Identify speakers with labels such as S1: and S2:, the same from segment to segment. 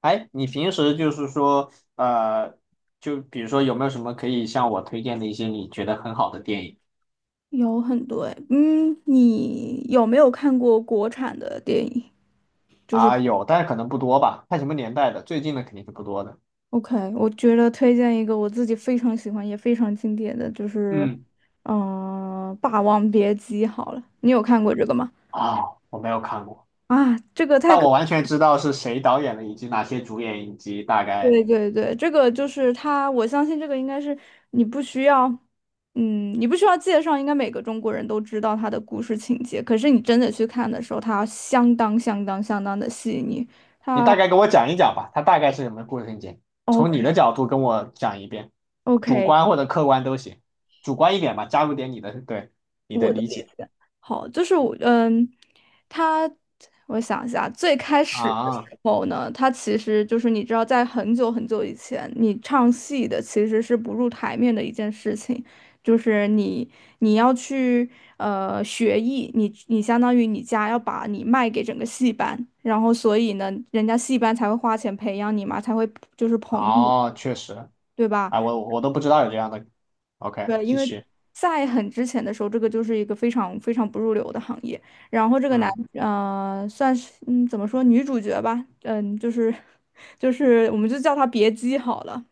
S1: 哎，你平时就比如说有没有什么可以向我推荐的一些你觉得很好的电影
S2: 有很多哎，你有没有看过国产的电影？就是。
S1: 啊？有，但是可能不多吧，看什么年代的，最近的肯定是不多的。
S2: OK，我觉得推荐一个我自己非常喜欢也非常经典的，就是
S1: 嗯。
S2: 霸王别姬》好了，你有看过这个吗？
S1: 啊，我没有看过，
S2: 啊，这个太
S1: 但
S2: 可。
S1: 我完全知道是谁导演的，以及哪些主演，以及大概，
S2: 对对对，这个就是它，我相信这个应该是你不需要，你不需要介绍，应该每个中国人都知道它的故事情节。可是你真的去看的时候，它相当相当相当的细腻。
S1: 你大概给我讲一讲吧，它大概是什么故事情节？从你的角度跟我讲一遍，主
S2: OK，OK，
S1: 观或者客观都行，主观一点吧，加入点你的，对，你的
S2: 我的
S1: 理
S2: 理
S1: 解。
S2: 解。好，就是我，他，我想一下。最开始的时
S1: 啊，
S2: 候呢，他其实就是你知道，在很久很久以前，你唱戏的其实是不入台面的一件事情。就是你要去学艺，你相当于你家要把你卖给整个戏班，然后所以呢，人家戏班才会花钱培养你嘛，才会就是捧你。
S1: 哦，确实。
S2: 对吧？
S1: 哎，我都不知道有这样的。OK，
S2: 对，因
S1: 继
S2: 为
S1: 续。
S2: 在很之前的时候，这个就是一个非常非常不入流的行业。然后这个男，
S1: 嗯。
S2: 算是怎么说女主角吧，就是 就是我们就叫她别姬好了。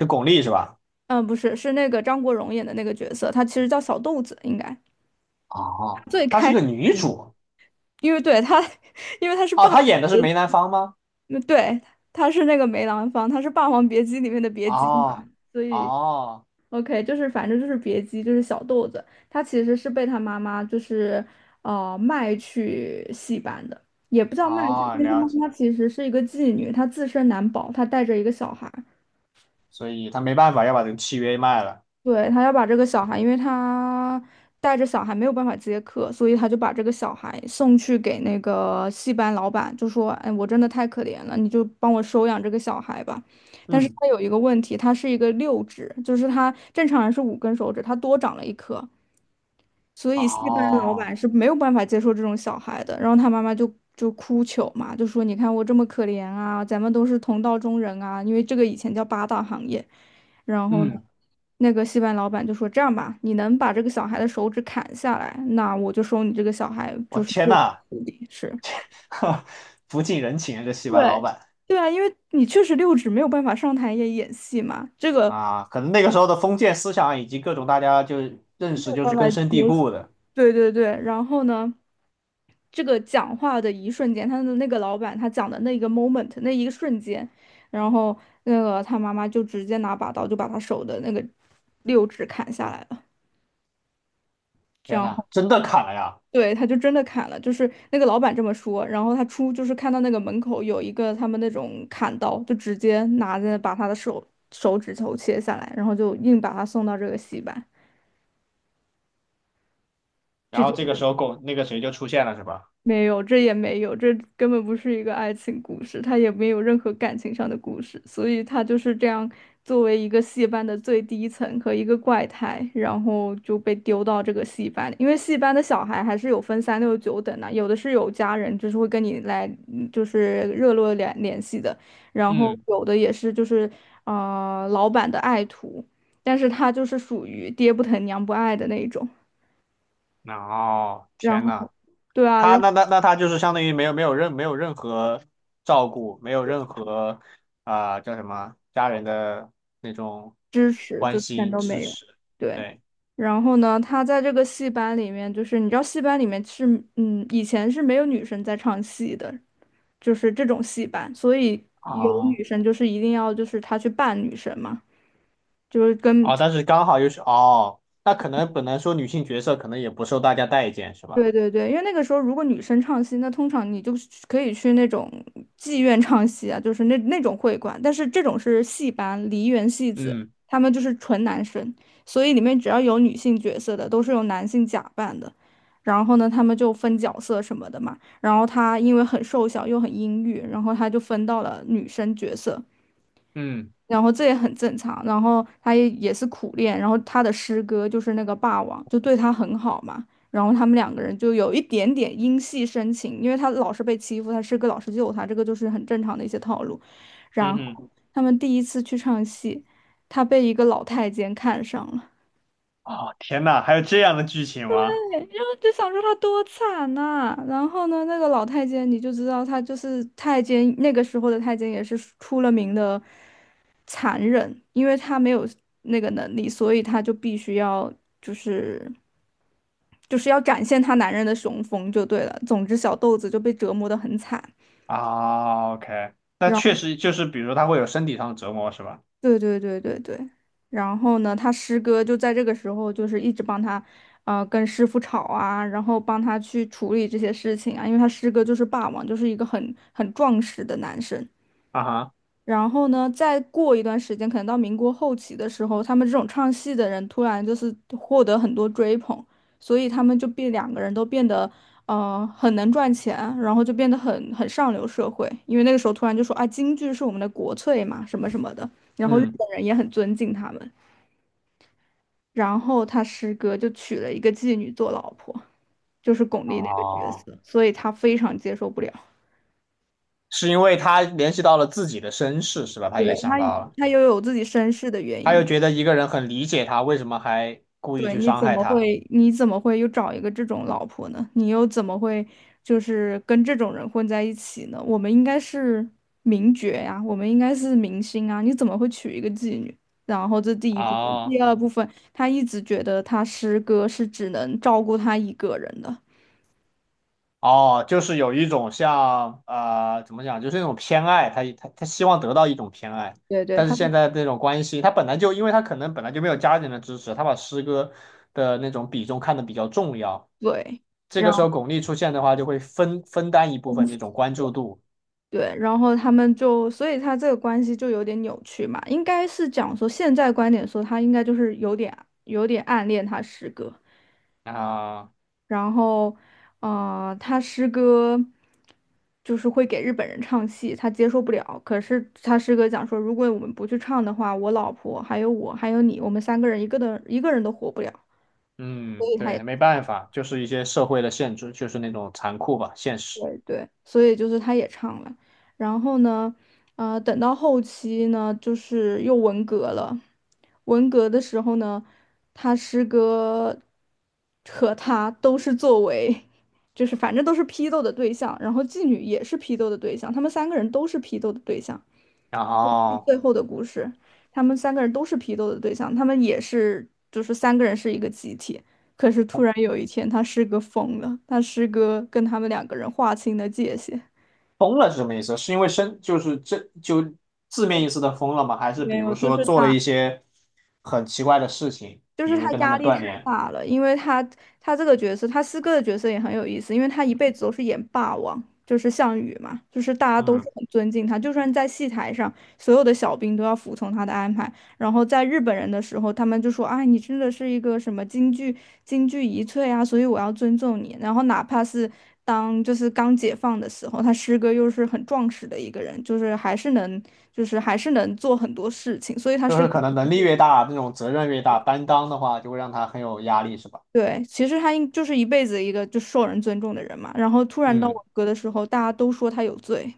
S1: 是巩俐是吧？
S2: 嗯，不是，是那个张国荣演的那个角色，他其实叫小豆子，应该
S1: 哦，
S2: 最
S1: 她是
S2: 开，
S1: 个女主。
S2: 因为对他，因为他是
S1: 哦，
S2: 霸。
S1: 她演的是梅兰芳吗？
S2: 那对，他是那个梅兰芳，他是《霸王别姬》里面的别姬嘛，
S1: 哦。
S2: 所以
S1: 哦。
S2: OK，就是反正就是别姬，就是小豆子。他其实是被他妈妈就是卖去戏班的，也不叫卖去，
S1: 哦，
S2: 因为他
S1: 了
S2: 妈
S1: 解。
S2: 妈其实是一个妓女，她自身难保，她带着一个小孩。
S1: 所以她没办法要把这个契约卖了。
S2: 对，他要把这个小孩，因为他带着小孩没有办法接客，所以他就把这个小孩送去给那个戏班老板，就说：“哎，我真的太可怜了，你就帮我收养这个小孩吧。”但是
S1: 嗯。
S2: 他有一个问题，他是一个六指，就是他正常人是五根手指，他多长了一颗。所以戏班牙老
S1: 哦。
S2: 板是没有办法接受这种小孩的，然后他妈妈就哭求嘛，就说你看我这么可怜啊，咱们都是同道中人啊，因为这个以前叫八大行业。然后呢，
S1: 嗯。
S2: 那个戏班牙老板就说这样吧，你能把这个小孩的手指砍下来，那我就收你这个小孩
S1: 我
S2: 就是
S1: 天
S2: 做
S1: 呐。
S2: 徒弟，是。
S1: 不近人情啊，这戏班老
S2: 对，
S1: 板。
S2: 对啊，因为你确实六指没有办法上台演戏嘛，这个没
S1: 啊，可能那个时候的封建思想以及各种大家就认识
S2: 有
S1: 就
S2: 办
S1: 是
S2: 法
S1: 根深
S2: 接。
S1: 蒂固的。
S2: 对对对，然后呢？这个讲话的一瞬间，他的那个老板他讲的那一个 moment， 那一个瞬间，然后那个他妈妈就直接拿把刀就把他手的那个六指砍下来了。这
S1: 天
S2: 样
S1: 呐，
S2: 后
S1: 真的砍了呀！
S2: 对，他就真的砍了，就是那个老板这么说，然后他出就是看到那个门口有一个他们那种砍刀，就直接拿着把他的手指头切下来，然后就硬把他送到这个戏班。
S1: 然后这个时候巩那个谁就出现了是吧？
S2: 没有，这也没有，这根本不是一个爱情故事，他也没有任何感情上的故事，所以他就是这样作为一个戏班的最低层和一个怪胎，然后就被丢到这个戏班里。因为戏班的小孩还是有分三六九等的，有的是有家人，就是会跟你来，嗯就是热络联系的，然后
S1: 嗯。
S2: 有的也是就是老板的爱徒，但是他就是属于爹不疼娘不爱的那一种。
S1: 哦，
S2: 然
S1: 天
S2: 后。
S1: 呐。
S2: 对啊，
S1: 他
S2: 然后。
S1: 那那那他就是相当于没有任何照顾，没有任何啊、叫什么家人的那种
S2: 支持，
S1: 关
S2: 就全
S1: 心
S2: 都
S1: 支
S2: 没有。
S1: 持。
S2: 对，
S1: 对。
S2: 然后呢，他在这个戏班里面，就是你知道戏班里面是，以前是没有女生在唱戏的，就是这种戏班，所以有
S1: 哦
S2: 女生就是一定要就是他去扮女生嘛，就是跟
S1: 哦，但是刚好又是哦，那可能本来说女性角色可能也不受大家待见是吧？
S2: 对对对，因为那个时候如果女生唱戏，那通常你就是可以去那种妓院唱戏啊，就是那那种会馆。但是这种是戏班、梨园戏子，
S1: 嗯。
S2: 他们就是纯男生，所以里面只要有女性角色的，都是用男性假扮的。然后呢，他们就分角色什么的嘛。然后他因为很瘦小又很阴郁，然后他就分到了女生角色。
S1: 嗯。
S2: 然后这也很正常。然后他也也是苦练，然后他的师哥就是那个霸王，就对他很好嘛。然后他们两个人就有一点点因戏生情，因为他老是被欺负，他师哥老是救他，这个就是很正常的一些套路。
S1: 嗯
S2: 然
S1: 哼。
S2: 后他们第一次去唱戏，他被一个老太监看上了。
S1: 哦天呐，还有这样的剧情吗？
S2: 就想说他多惨呐、然后呢，那个老太监你就知道他就是太监，那个时候的太监也是出了名的残忍，因为他没有那个能力，所以他就必须要就是就是要展现他男人的雄风就对了。总之，小豆子就被折磨得很惨。
S1: 啊，OK，那确实就是比如他会有身体上的折磨是吧？
S2: 对对对对对，然后呢，他师哥就在这个时候就是一直帮他，跟师傅吵啊，然后帮他去处理这些事情啊，因为他师哥就是霸王，就是一个很壮实的男生。
S1: 啊哈。
S2: 然后呢，再过一段时间，可能到民国后期的时候，他们这种唱戏的人突然就是获得很多追捧，所以他们就变两个人都变得很能赚钱，然后就变得很上流社会，因为那个时候突然就说啊，京剧是我们的国粹嘛，什么什么的，然后日
S1: 嗯。
S2: 本人也很尊敬他们。然后他师哥就娶了一个妓女做老婆，就是巩俐那个角
S1: 哦，
S2: 色，所以他非常接受不了。
S1: 是因为他联系到了自己的身世，是吧？他也
S2: 对，他
S1: 想到了，
S2: 他又有自己身世的原
S1: 他又
S2: 因。
S1: 觉得一个人很理解他，为什么还故意
S2: 对，
S1: 去
S2: 你
S1: 伤
S2: 怎
S1: 害
S2: 么
S1: 他？
S2: 会，你怎么会又找一个这种老婆呢？你又怎么会就是跟这种人混在一起呢？我们应该是名角呀，我们应该是明星啊，你怎么会娶一个妓女？然后这第一部分，第
S1: 啊，
S2: 二部分，他一直觉得他师哥是只能照顾他一个人的。
S1: 哦，就是有一种像怎么讲，就是那种偏爱，他他希望得到一种偏爱，
S2: 对对，
S1: 但是
S2: 他
S1: 现在这种关系，他本来就因为他可能本来就没有家人的支持，他把师哥的那种比重看得比较重要，
S2: 对，
S1: 这
S2: 然
S1: 个时
S2: 后
S1: 候巩俐出现的话，就会分担一部分这种关注度
S2: 对，然后他们就，所以他这个关系就有点扭曲嘛，应该是讲说现在观点说他应该就是有点有点暗恋他师哥。
S1: 啊。
S2: 然后，他师哥就是会给日本人唱戏，他接受不了。可是他师哥讲说，如果我们不去唱的话，我老婆还有我还有你，我们三个人一个人都活不了。所
S1: 嗯，
S2: 以他也。
S1: 对，没办法，就是一些社会的限制，就是那种残酷吧，现实。
S2: 对对，所以就是他也唱了。然后呢，等到后期呢，就是又文革了。文革的时候呢，他师哥和他都是作为，就是反正都是批斗的对象，然后妓女也是批斗的对象，他们三个人都是批斗的对象。
S1: 然后
S2: 最后的故事，他们三个人都是批斗的对象，他们也是就是三个人是一个集体。可是突然有一天，他师哥疯了，他师哥跟他们两个人划清了界限。
S1: 疯了是什么意思？是因为生，就是这就字面意思的疯了吗？还是
S2: 没
S1: 比
S2: 有，
S1: 如
S2: 就
S1: 说
S2: 是
S1: 做了
S2: 他。
S1: 一些很奇怪的事情，
S2: 就
S1: 比
S2: 是
S1: 如
S2: 他
S1: 跟他
S2: 压
S1: 们
S2: 力太
S1: 断联？
S2: 大了，因为他他这个角色，他师哥的角色也很有意思，因为他一辈子都是演霸王，就是项羽嘛，就是大家都是
S1: 嗯，
S2: 很尊敬他，就算在戏台上，所有的小兵都要服从他的安排。然后在日本人的时候，他们就说：“啊，你真的是一个什么京剧遗粹啊，所以我要尊重你。”然后哪怕是当就是刚解放的时候，他师哥又是很壮实的一个人，就是还是能就是还是能做很多事情，所以他
S1: 就
S2: 是。
S1: 是可能能力越大，那种责任越大，担当的话就会让他很有压力，是吧？
S2: 对，其实他应就是一辈子一个就受人尊重的人嘛，然后突然到
S1: 嗯，
S2: 我哥的时候，大家都说他有罪。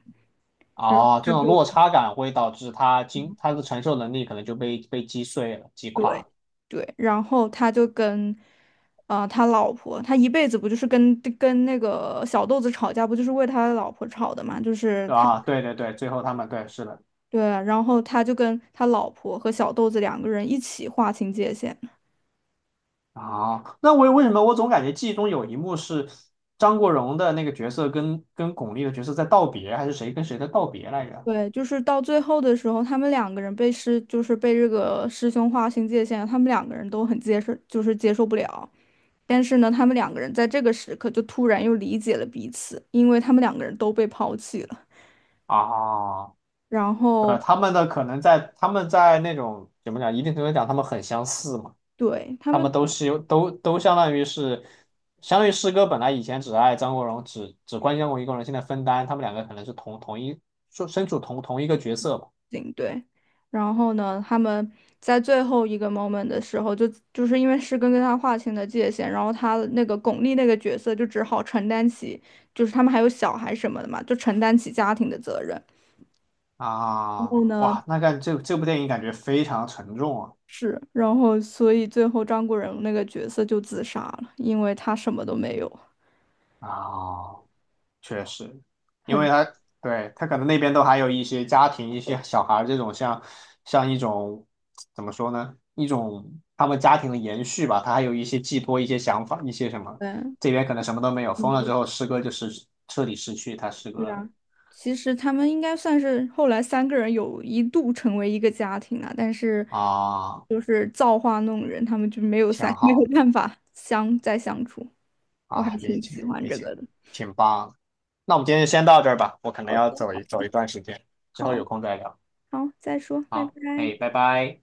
S2: 然后
S1: 哦，这种落差感会导致他他的承受能力可能就被击碎了、击垮
S2: 对
S1: 了，
S2: 对，然后他就跟，啊、他老婆，他一辈子不就是跟那个小豆子吵架，不就是为他老婆吵的嘛，就是
S1: 对
S2: 他
S1: 吧？啊对对对，最后他们对是的。
S2: 对，然后他就跟他老婆和小豆子两个人一起划清界限。
S1: 啊，那我为什么我总感觉记忆中有一幕是张国荣的那个角色跟巩俐的角色在道别，还是谁跟谁在道别来着？
S2: 对，就是到最后的时候，他们两个人被师，就是被这个师兄划清界限，他们两个人都很接受，就是接受不了。但是呢，他们两个人在这个时刻就突然又理解了彼此，因为他们两个人都被抛弃了。
S1: 啊，
S2: 然
S1: 对，
S2: 后，
S1: 他们的可能在他们在那种怎么讲，一定程度讲他们很相似嘛，
S2: 对，他
S1: 他
S2: 们
S1: 们都是有都相当于是，相当于师哥本来以前只爱张国荣，只关心过一个人，现在分担，他们两个可能是同一说身处同一个角色吧。
S2: 行，对，然后呢，他们在最后一个 moment 的时候就，就是因为师根跟他划清了界限，然后他那个巩俐那个角色就只好承担起，就是他们还有小孩什么的嘛，就承担起家庭的责任。然
S1: 啊，
S2: 后呢？
S1: 哇，那看这部电影感觉非常沉重啊。
S2: 是，然后所以最后张国荣那个角色就自杀了，因为他什么都没有。
S1: 啊，确实，因为
S2: 很
S1: 他对他可能那边都还有一些家庭、一些小孩儿这种像像一种怎么说呢？一种他们家庭的延续吧，他还有一些寄托、一些想法、一些什么。
S2: 对，
S1: 这边可能什么都没有，封了之
S2: 嗯，
S1: 后，诗歌就是彻底失去他诗歌
S2: 是
S1: 了
S2: 啊，其实他们应该算是后来三个人有一度成为一个家庭了，但是
S1: 啊。
S2: 就是造化弄人，他们就没有
S1: 挺
S2: 三 没有
S1: 好
S2: 办法再相处。我还
S1: 啊，理
S2: 挺
S1: 解
S2: 喜欢
S1: 理
S2: 这
S1: 解，
S2: 个的。
S1: 挺棒。那我们今天就先到这儿吧，我可能
S2: 好
S1: 要
S2: 的，
S1: 走一段时间，之后
S2: 好，
S1: 有空再聊。
S2: 好，再说，拜拜。
S1: 好，哎，拜拜。